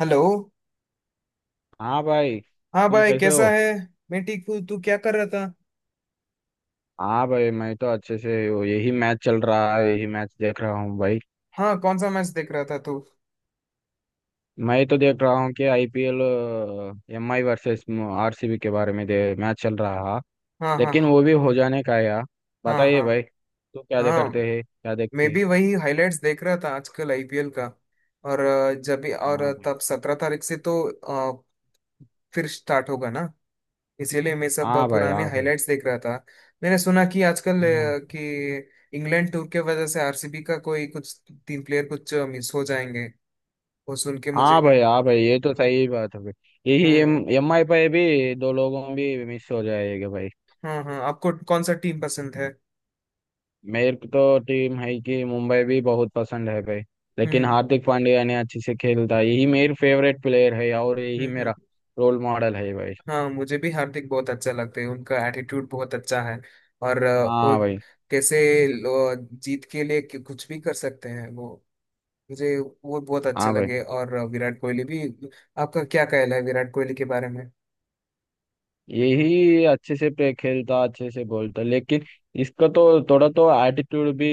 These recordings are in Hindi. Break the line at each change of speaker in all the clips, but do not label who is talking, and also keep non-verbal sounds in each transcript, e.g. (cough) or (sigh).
हेलो।
हाँ भाई,
हाँ
तुम
भाई,
कैसे
कैसा
हो?
है? मैं ठीक हूँ। तू क्या कर रहा था?
हाँ भाई, मैं तो अच्छे से हूँ। यही मैच चल रहा है, यही मैच देख रहा हूँ भाई।
हाँ, कौन सा मैच देख रहा था तू?
मैं तो देख रहा हूँ कि IPL M I versus RCB के बारे में मैच चल रहा है।
हाँ, हाँ,
लेकिन वो भी हो जाने का है यार।
हाँ,
बताइए
हाँ,
भाई, तू क्या
हाँ,
दे करते
हाँ।
हैं, क्या देखते
मैं
हैं?
भी वही हाइलाइट्स देख रहा था, आजकल आईपीएल का। और जब भी और
हाँ भाई
तब 17 तारीख से तो अ, फिर स्टार्ट होगा ना। इसीलिए मैं सब
हाँ भाई
पुराने
हाँ भाई।
हाइलाइट्स देख रहा था। मैंने सुना कि आजकल
हाँ
कि इंग्लैंड टूर के वजह से आरसीबी का कोई कुछ तीन प्लेयर कुछ मिस हो जाएंगे। वो सुन के मुझे।
हाँ भाई हाँ भाई, ये तो सही बात है भाई। यही एम
हम्म।
एम आई पे भी दो लोगों भी मिस हो जाएगा भाई।
हाँ, हाँ, आपको कौन सा टीम पसंद है?
मेरे को तो टीम है कि मुंबई भी बहुत पसंद है भाई। लेकिन
हम्म,
हार्दिक पांड्या ने अच्छे से खेलता है, यही मेरे फेवरेट प्लेयर है और
हम्म,
यही मेरा रोल मॉडल है भाई।
हाँ, मुझे भी हार्दिक बहुत अच्छा लगते हैं। उनका एटीट्यूड बहुत अच्छा है। और वो
हाँ भाई
कैसे लो- जीत के लिए कुछ भी कर सकते हैं वो। मुझे वो बहुत अच्छे
हाँ भाई।
लगे। और विराट कोहली भी। आपका क्या कहना है विराट कोहली के बारे में?
यही अच्छे से प्ले खेलता, अच्छे से बोलता, लेकिन इसका तो थोड़ा तो एटीट्यूड भी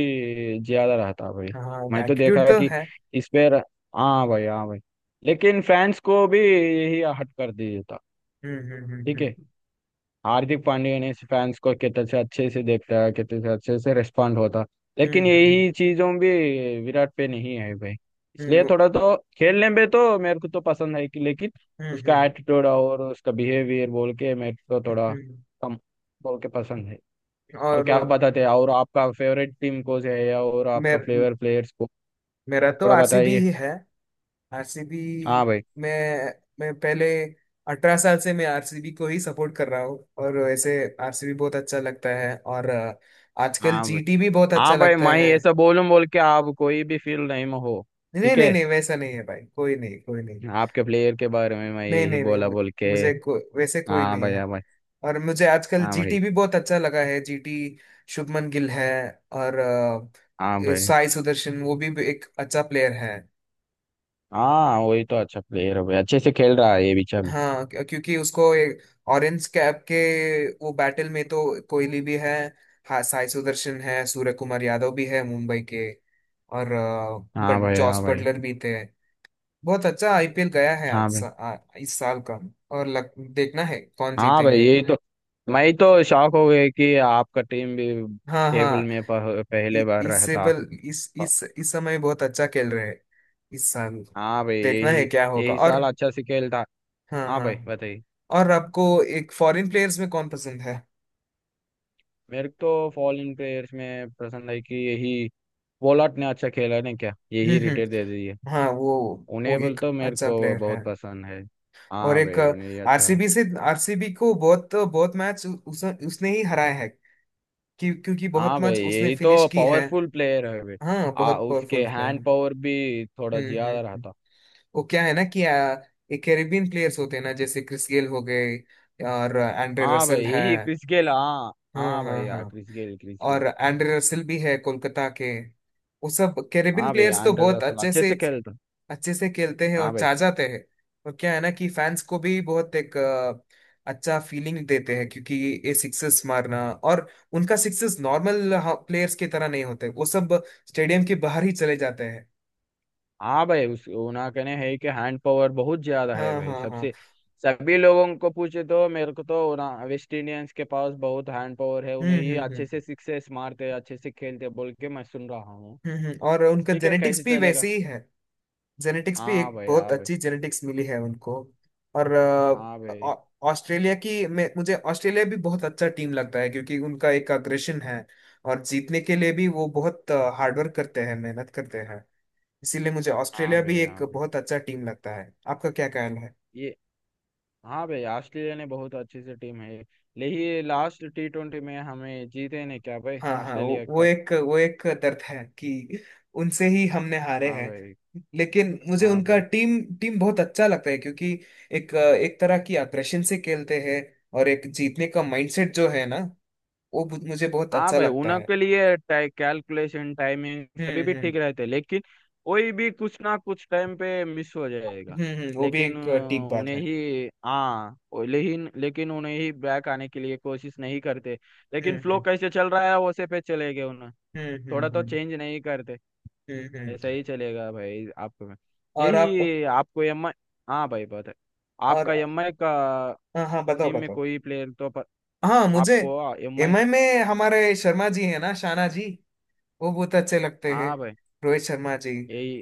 ज्यादा रहता भाई।
हाँ,
मैं तो देखा
एटीट्यूड
है
तो
कि
है।
इस पे। हाँ भाई हाँ भाई। लेकिन फैंस को भी यही हट कर दिया था।
हम्म, हम्म,
ठीक है।
हम्म,
हार्दिक पांड्या ने फैंस को कितने से अच्छे से देखता है, कितने से अच्छे से रिस्पॉन्ड होता। लेकिन
हम्म, हम्म,
यही चीजों भी विराट पे नहीं है भाई। इसलिए
हम्म,
थोड़ा तो खेलने में तो मेरे को तो पसंद है कि, लेकिन
हम्म,
उसका एटीट्यूड और उसका बिहेवियर बोल के मेरे को थोड़ा
हम्म,
कम बोल के पसंद है। और क्या
और
बताते हैं, और आपका फेवरेट टीम कोच है या और आपका
मेर,
फ्लेवर प्लेयर्स को
मेरा तो
थोड़ा
आरसीबी
बताइए।
ही है। आरसीबी।
हाँ भाई
मैं पहले 18 साल से मैं आरसीबी को ही सपोर्ट कर रहा हूँ, और वैसे आरसीबी बहुत अच्छा लगता है। और आजकल
हाँ भाई
जीटी भी बहुत अच्छा
हाँ भाई।
लगता
मैं
है।
ऐसा बोलूं बोल के आप कोई भी फील नहीं में हो?
नहीं,
ठीक
नहीं,
है।
नहीं, वैसा नहीं है भाई, कोई नहीं, कोई नहीं।
आपके प्लेयर के बारे में मैं
नहीं,
यही
नहीं, नहीं,
बोला बोल के।
मुझे को, वैसे कोई
हाँ
नहीं
भाई
है।
हाँ भाई
और मुझे आजकल
हाँ भाई
जीटी भी बहुत अच्छा लगा है। जीटी शुभमन गिल है। और
हाँ भाई।
साई सुदर्शन, वो भी एक अच्छा प्लेयर है।
हाँ वही तो अच्छा प्लेयर है भाई, अच्छे से खेल रहा है ये बीचा भी।
हाँ, क्योंकि उसको एक ऑरेंज कैप के, वो बैटल में तो कोहली भी है। हाँ, साई सुदर्शन है, सूर्य कुमार यादव भी है मुंबई के। और
हाँ
बट
भाई हाँ
जॉस
भाई
बटलर भी थे। बहुत अच्छा आईपीएल गया है
हाँ भाई
इस साल का। और देखना है कौन
हाँ भाई।
जीतेंगे।
यही तो। मैं तो शॉक हो गया कि आपका टीम भी
हाँ,
टेबल
हाँ।
में
इ-
पहले बार
इससे
रहता।
बल इस समय बहुत अच्छा खेल रहे हैं, इस साल।
हाँ भाई
देखना
यही।
है क्या होगा।
यही
और
साल अच्छा से खेलता।
हाँ, हाँ,
हाँ भाई
हाँ।
बताइए।
और आपको एक फॉरेन प्लेयर्स में कौन पसंद है?
मेरे को तो फॉरेन प्लेयर्स में पसंद है कि यही पोलार्ड ने अच्छा खेला नहीं क्या,
हम्म,
यही रिटेल दे दी है।
हम्म। हाँ, वो
उन्हें बोल
एक
तो मेरे
अच्छा
को
प्लेयर है।
बहुत पसंद है।
और
हाँ
एक
भाई उन्हें ही अच्छा।
आरसीबी से, आरसीबी को बहुत बहुत मैच उसने ही हराया है। क्योंकि बहुत
हाँ भाई
मैच उसने
यही तो
फिनिश की है।
पावरफुल प्लेयर है भाई।
हाँ,
आ
बहुत
उसके
पावरफुल प्लेयर
हैंड
है।
पावर भी थोड़ा
हम्म, हम्म,
ज्यादा रहता।
वो क्या है ना कि ये कैरेबियन प्लेयर्स होते हैं ना, जैसे क्रिस गेल हो गए और एंड्रे
हाँ भाई
रसल है।
यही क्रिस गेल, हाँ
हाँ,
हाँ
हाँ,
भाई, हाँ
हाँ।
Chris Gayle Chris Gayle.
और एंड्रे रसल भी है कोलकाता के। वो सब कैरेबियन
हाँ भाई
प्लेयर्स तो
एंड्रे
बहुत
रसल अच्छे से खेलता।
अच्छे से खेलते हैं
हाँ
और
भाई
चाह जाते हैं। और क्या है ना कि फैंस को भी बहुत एक अच्छा फीलिंग देते हैं। क्योंकि ये सिक्सेस मारना, और उनका सिक्सेस नॉर्मल प्लेयर्स की तरह नहीं होते। वो सब स्टेडियम के बाहर ही चले जाते हैं।
हाँ भाई। उस उन्हें कहने है कि हैंड पावर बहुत ज्यादा है
हाँ,
भाई,
हाँ, हाँ।
सबसे सभी लोगों को पूछे तो मेरे को तो ना, वेस्ट इंडियंस के पास बहुत हैंड पावर है, उन्हें
हम्म,
ही
हम्म,
अच्छे
हम्म,
से सिक्सेस मारते अच्छे से खेलते बोल के मैं सुन रहा हूँ।
हम्म, और उनका
ठीक है,
जेनेटिक्स
कैसे
भी
चलेगा।
वैसे ही है। जेनेटिक्स भी
हाँ
एक
भाई
बहुत
हाँ भाई
अच्छी जेनेटिक्स मिली है उनको। और
हाँ भाई
ऑस्ट्रेलिया की मैं मुझे ऑस्ट्रेलिया भी बहुत अच्छा टीम लगता है, क्योंकि उनका एक अग्रेशन है। और जीतने के लिए भी वो बहुत हार्डवर्क करते हैं, मेहनत करते हैं। इसीलिए मुझे
हाँ
ऑस्ट्रेलिया भी
भाई
एक
हाँ भाई।
बहुत अच्छा टीम लगता है। आपका क्या कहना है?
ये। हाँ भाई, ऑस्ट्रेलिया ने बहुत अच्छी सी टीम है। लेकिन लास्ट T20 में हमें जीते नहीं क्या भाई
हाँ, हाँ,
ऑस्ट्रेलिया के पास?
वो एक दर्द है कि उनसे ही हमने हारे
हाँ
हैं।
भाई
लेकिन मुझे
हाँ
उनका
भाई
टीम टीम बहुत अच्छा लगता है क्योंकि एक एक तरह की अग्रेशन से खेलते हैं। और एक जीतने का माइंडसेट जो है ना, वो मुझे बहुत
हाँ
अच्छा
भाई।
लगता है।
उनके लिए कैलकुलेशन, टाइमिंग सभी
हम्म,
भी
हम्म,
ठीक रहते, लेकिन कोई भी कुछ ना कुछ टाइम पे मिस हो जाएगा।
हम्म, वो भी
लेकिन
एक ठीक
अ,
बात
उन्हें
है।
ही, लेकिन लेकिन उन्हें ही बैक आने के लिए कोशिश नहीं करते।
हम्म,
लेकिन फ्लो
हम्म,
कैसे चल रहा है वैसे पे चले गए उन्हें,
हम्म,
थोड़ा तो
हम्म,
चेंज नहीं करते।
हम्म,
ऐसा ही चलेगा भाई आपको।
और आप।
यही आपको एम आई। हाँ भाई बात है।
और
आपका एम आई का
हाँ, हाँ, बताओ,
टीम में
बताओ।
कोई प्लेयर तो
हाँ, मुझे
आपको एम आई।
एमआई में हमारे शर्मा जी है ना, शाना जी, वो बहुत अच्छे लगते हैं।
हाँ भाई
रोहित शर्मा जी।
यही।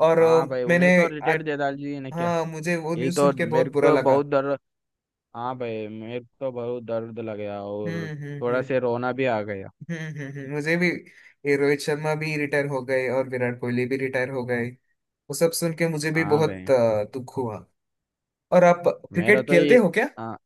और
हाँ भाई
मैंने
उन्हें तो
आज।
रिटायर दे डाल जी ने क्या।
हाँ, मुझे वो
यही
न्यूज़
तो
सुन के
मेरे
बहुत
को
बुरा
तो
लगा।
बहुत दर्द। हाँ भाई मेरे को तो बहुत दर्द लग गया,
हम्म,
और
हम्म,
थोड़ा
हम्म,
से रोना भी आ गया।
हम्म, हम्म, मुझे भी। ये रोहित शर्मा भी रिटायर हो गए और विराट कोहली भी रिटायर हो गए। वो सब सुन के मुझे भी
हाँ
बहुत
भाई।
दुख हुआ। और आप
मेरा
क्रिकेट
तो
खेलते
ये,
हो क्या?
हाँ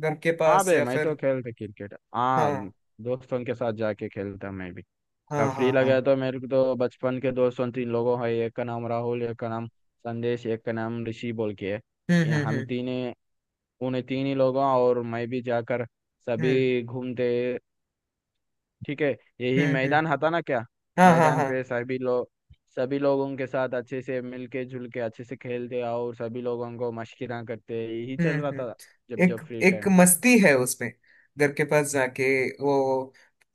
घर के
हाँ
पास
भाई,
या
मैं
फिर।
तो खेलता क्रिकेट, हाँ।
हाँ,
दोस्तों के साथ जाके खेलता मैं भी।
हाँ, हाँ,
काफी
हाँ।
लगा तो मेरे को तो बचपन के दोस्तों तीन लोगों है, एक का नाम राहुल, एक का नाम संदेश, एक का नाम ऋषि बोल के है।
हम्म,
ये
हम्म,
हम
हम्म,
तीन, उन्हें तीन ही लोगों और मैं भी जाकर
हम्म,
सभी घूमते। ठीक है। यही
हम्म,
मैदान था ना क्या।
हाँ, हाँ,
मैदान
हाँ,
पे सभी लोग, सभी लोगों के साथ अच्छे से मिलके जुल के अच्छे से खेलते और सभी लोगों को मशकिरा करते यही
हम्म,
चल रहा
हम्म।
था, जब
एक
जब फ्री
एक
टाइम पे।
मस्ती है उसमें। घर के पास जाके, वो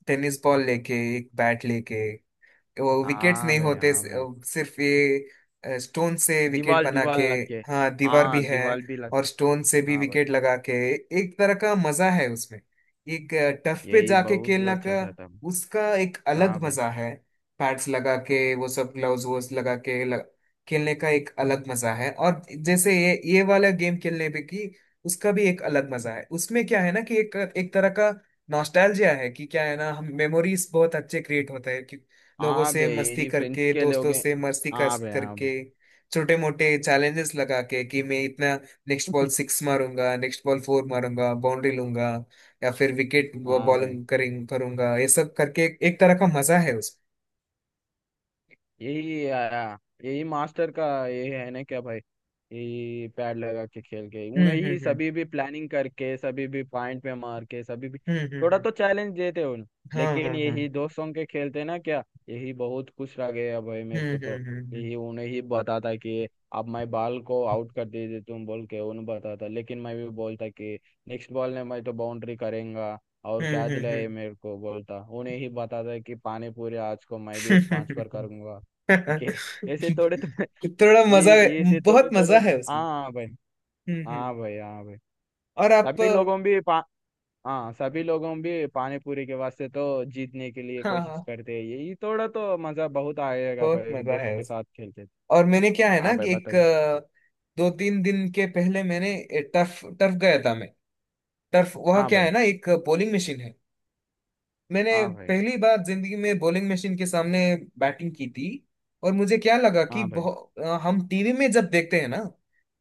टेनिस बॉल लेके, एक बैट लेके, वो विकेट्स
हाँ
नहीं
भाई
होते।
हाँ भाई।
सिर्फ ये स्टोन से विकेट
दीवार
बना
दीवार
के।
लग के।
हाँ, दीवार भी
हाँ
है।
दीवार भी लग।
और स्टोन से भी
हाँ भाई
विकेट लगा के, एक तरह का मजा है उसमें। एक टफ पे
यही
जाके
बहुत
खेलना
अच्छा
का
से आता है।
उसका एक
हाँ
अलग
भाई
मजा है। पैड्स लगा के, वो सब ग्लव्स वोस लगा के, खेलने का एक अलग मजा है। और जैसे ये वाला गेम खेलने पे की, उसका भी एक अलग मजा है उसमें। क्या है ना कि एक एक तरह का नॉस्टैल्जिया है, कि क्या है ना, हम मेमोरीज बहुत अच्छे क्रिएट होते हैं। लोगों
हाँ
से
भाई।
मस्ती
यही फ्रेंड्स
करके,
के लिए हो
दोस्तों
गए।
से मस्ती कर
हाँ भाई हाँ भाई।
करके। छोटे मोटे चैलेंजेस लगा के कि मैं इतना नेक्स्ट बॉल सिक्स मारूंगा, नेक्स्ट बॉल फोर मारूंगा, बाउंड्री लूंगा, या फिर विकेट
(laughs) हाँ भाई
बॉलिंग करें करूंगा। ये सब करके एक तरह का मजा है उसमें।
यही आया। यही मास्टर का ये है ना क्या भाई। यही पैड लगा के खेल के उन्हें
हम्म,
ही
हम्म,
सभी भी प्लानिंग करके सभी भी पॉइंट पे मार के सभी भी
हम्म, हम्म, हम्म,
थोड़ा तो चैलेंज देते उन।
हाँ,
लेकिन
हाँ, हाँ,
यही दोस्तों के खेलते ना क्या, यही बहुत खुश रह गया भाई मेरे
हम्म,
को तो।
हम्म, हम्म,
यही उन्हें ही बताता कि अब मैं बॉल को आउट कर दीजिए तुम बोल के उन्हें बताता, लेकिन मैं भी बोलता कि नेक्स्ट बॉल में मैं तो बाउंड्री करेंगा, और
हम्म,
क्या
हम्म,
दिलाए मेरे को, बोलता उन्हें ही बताता कि पानी पूरी आज को मैं भी स्पॉन्सर
हम्म।
करूंगा के, ऐसे थोड़े थोड़े।
(laughs) थोड़ा
ये
मजा,
ये ऐसे
बहुत
थोड़े
मजा
थोड़े ना।
है उसमें।
हाँ भाई
हम्म, हम्म।
हाँ भाई हाँ भाई।
और आप?
सभी लोगों भी पा हाँ सभी लोगों भी पानी पूरी के वास्ते तो जीतने के लिए
हाँ,
कोशिश
हाँ,
करते हैं, ये थोड़ा तो मजा बहुत आएगा
बहुत
भाई
मजा
दोस्त
है
के
उसमें।
साथ खेलते तो।
और मैंने क्या है ना
हाँ भाई
कि एक
बताइए।
दो तीन दिन के पहले मैंने टर्फ, गया था मैं। टर्फ वह
हाँ
क्या है
भाई
ना, एक बॉलिंग मशीन है। मैंने
हाँ भाई
पहली बार जिंदगी में बॉलिंग मशीन के सामने बैटिंग की थी। और मुझे क्या लगा कि
हाँ भाई
हम टीवी में जब देखते हैं ना,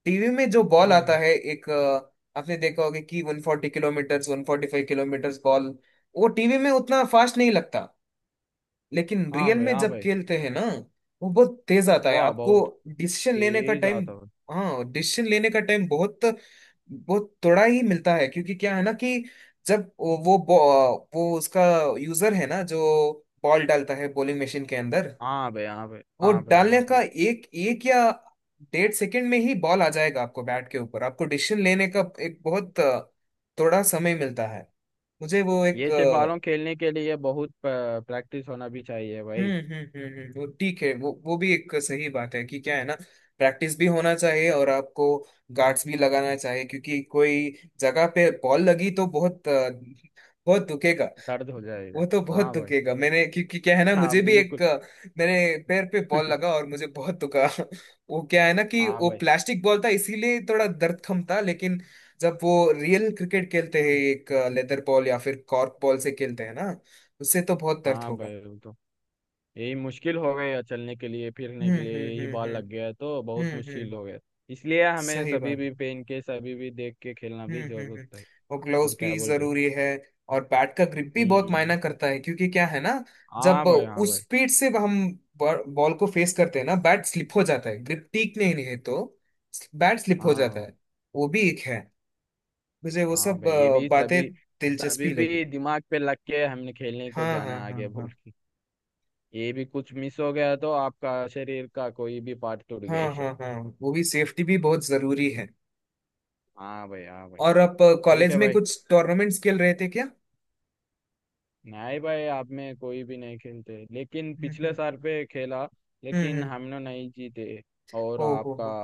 टीवी में जो बॉल
हाँ
आता
भाई
है एक आपने देखा होगा कि 140 किलोमीटर 145 किलोमीटर बॉल, वो टीवी में उतना फास्ट नहीं लगता। लेकिन
हाँ
रियल
भाई
में
हाँ
जब
भाई।
खेलते हैं ना, वो बहुत तेज आता है।
वाह
आपको
बहुत
डिसीजन लेने का
तेज
टाइम।
आता है।
हाँ, डिसीजन लेने का टाइम बहुत बहुत थोड़ा ही मिलता है। क्योंकि क्या है ना कि जब वो उसका यूजर है ना जो बॉल डालता है बॉलिंग मशीन के अंदर,
हाँ भाई हाँ भाई
वो
हाँ भाई
डालने
हाँ भाई।
का एक एक या डेढ़ सेकंड में ही बॉल आ जाएगा आपको बैट के ऊपर। आपको डिसीजन लेने का एक बहुत थोड़ा समय मिलता है। मुझे वो एक।
ये से बालों खेलने के लिए बहुत प्रैक्टिस होना भी चाहिए भाई।
हम्म, हम्म, हम्म, वो ठीक है, वो भी एक सही बात है कि क्या है ना, प्रैक्टिस भी होना चाहिए। और आपको गार्ड्स भी लगाना चाहिए क्योंकि कोई जगह पे बॉल लगी तो बहुत बहुत दुखेगा।
दर्द हो जाएगा।
वो तो बहुत
हाँ भाई,
दुखेगा। मैंने, क्योंकि क्या है ना,
हाँ
मुझे भी
बिल्कुल।
एक मेरे पैर पे बॉल लगा और मुझे बहुत दुखा। (laughs) वो क्या है ना कि
हाँ
वो
भाई
प्लास्टिक बॉल था, इसीलिए थोड़ा दर्द कम था। लेकिन जब वो रियल क्रिकेट खेलते हैं एक लेदर बॉल या फिर कॉर्क बॉल से खेलते हैं ना, उससे तो बहुत दर्द
हाँ
होगा।
भाई। वो तो यही मुश्किल हो गया चलने के लिए फिरने
हम्म,
के लिए,
हम्म,
यही
हम्म,
बाल लग गया तो बहुत
हम्म,
मुश्किल
हम्म,
हो गया। इसलिए हमें
सही
सभी
बात।
भी पहन के सभी भी देख के खेलना
हम्म,
भी
हम्म, हम्म।
जरूरत है।
वो ग्लव्स
और क्या
भी
बोलते हैं?
जरूरी है। और बैट का ग्रिप भी बहुत
हम्म।
मायना करता है क्योंकि क्या है ना,
हाँ
जब
भाई हाँ
उस
भाई।
स्पीड से हम बॉल को फेस करते हैं ना, बैट स्लिप हो जाता है। ग्रिप ठीक नहीं है तो बैट स्लिप हो जाता
हाँ।
है। वो भी एक है। मुझे वो
हाँ
सब
भाई ये भी
बातें
सभी, सभी
दिलचस्पी
भी
लगी।
दिमाग पे लग के हमने खेलने को
हाँ, हाँ,
जाना
हाँ,
आगे भूल
हाँ,
के। ये भी कुछ मिस हो गया तो आपका शरीर का कोई भी पार्ट टूट
हाँ,
गया।
हाँ, हाँ। वो भी सेफ्टी भी बहुत जरूरी है।
(laughs) हाँ भाई हाँ भाई।
और आप
ठीक
कॉलेज
है
में
भाई।
कुछ टूर्नामेंट्स खेल रहे थे क्या?
नहीं भाई, आप में कोई भी नहीं खेलते, लेकिन
हम्म,
पिछले
हम्म,
साल पे खेला।
हम्म,
लेकिन हम लोग नहीं जीते। और
ओ हो
आपका,
हो।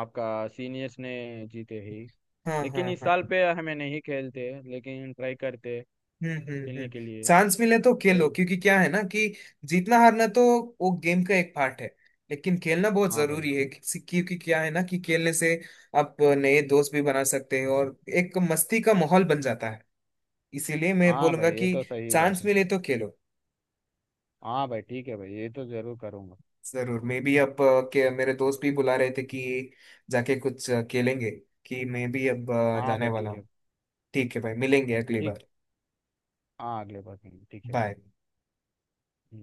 आपका सीनियर्स ने जीते ही।
हाँ, हाँ,
लेकिन इस
हाँ।
साल पे हमें नहीं खेलते, लेकिन ट्राई करते
हम्म, हम्म,
खेलने
हम्म।
के लिए।
चांस मिले तो
तो
खेलो,
ये-
क्योंकि क्या है ना कि जीतना हारना तो वो गेम का एक पार्ट है। लेकिन खेलना बहुत
हाँ भाई
जरूरी है क्योंकि क्या है ना कि खेलने से आप नए दोस्त भी बना सकते हैं और एक मस्ती का माहौल बन जाता है। इसीलिए मैं
हाँ
बोलूंगा
भाई, ये
कि
तो सही बात
चांस
है।
मिले तो खेलो।
हाँ भाई ठीक है भाई, ये तो जरूर करूँगा।
जरूर। मैं भी अब के मेरे दोस्त भी बुला रहे थे कि जाके कुछ खेलेंगे, कि मैं भी अब
हाँ भाई
जाने वाला
ठीक है।
हूँ। ठीक है भाई, मिलेंगे अगली
ठीक,
बार।
हाँ अगले बार करेंगे, ठीक है भाई।
बाय।
हम्म।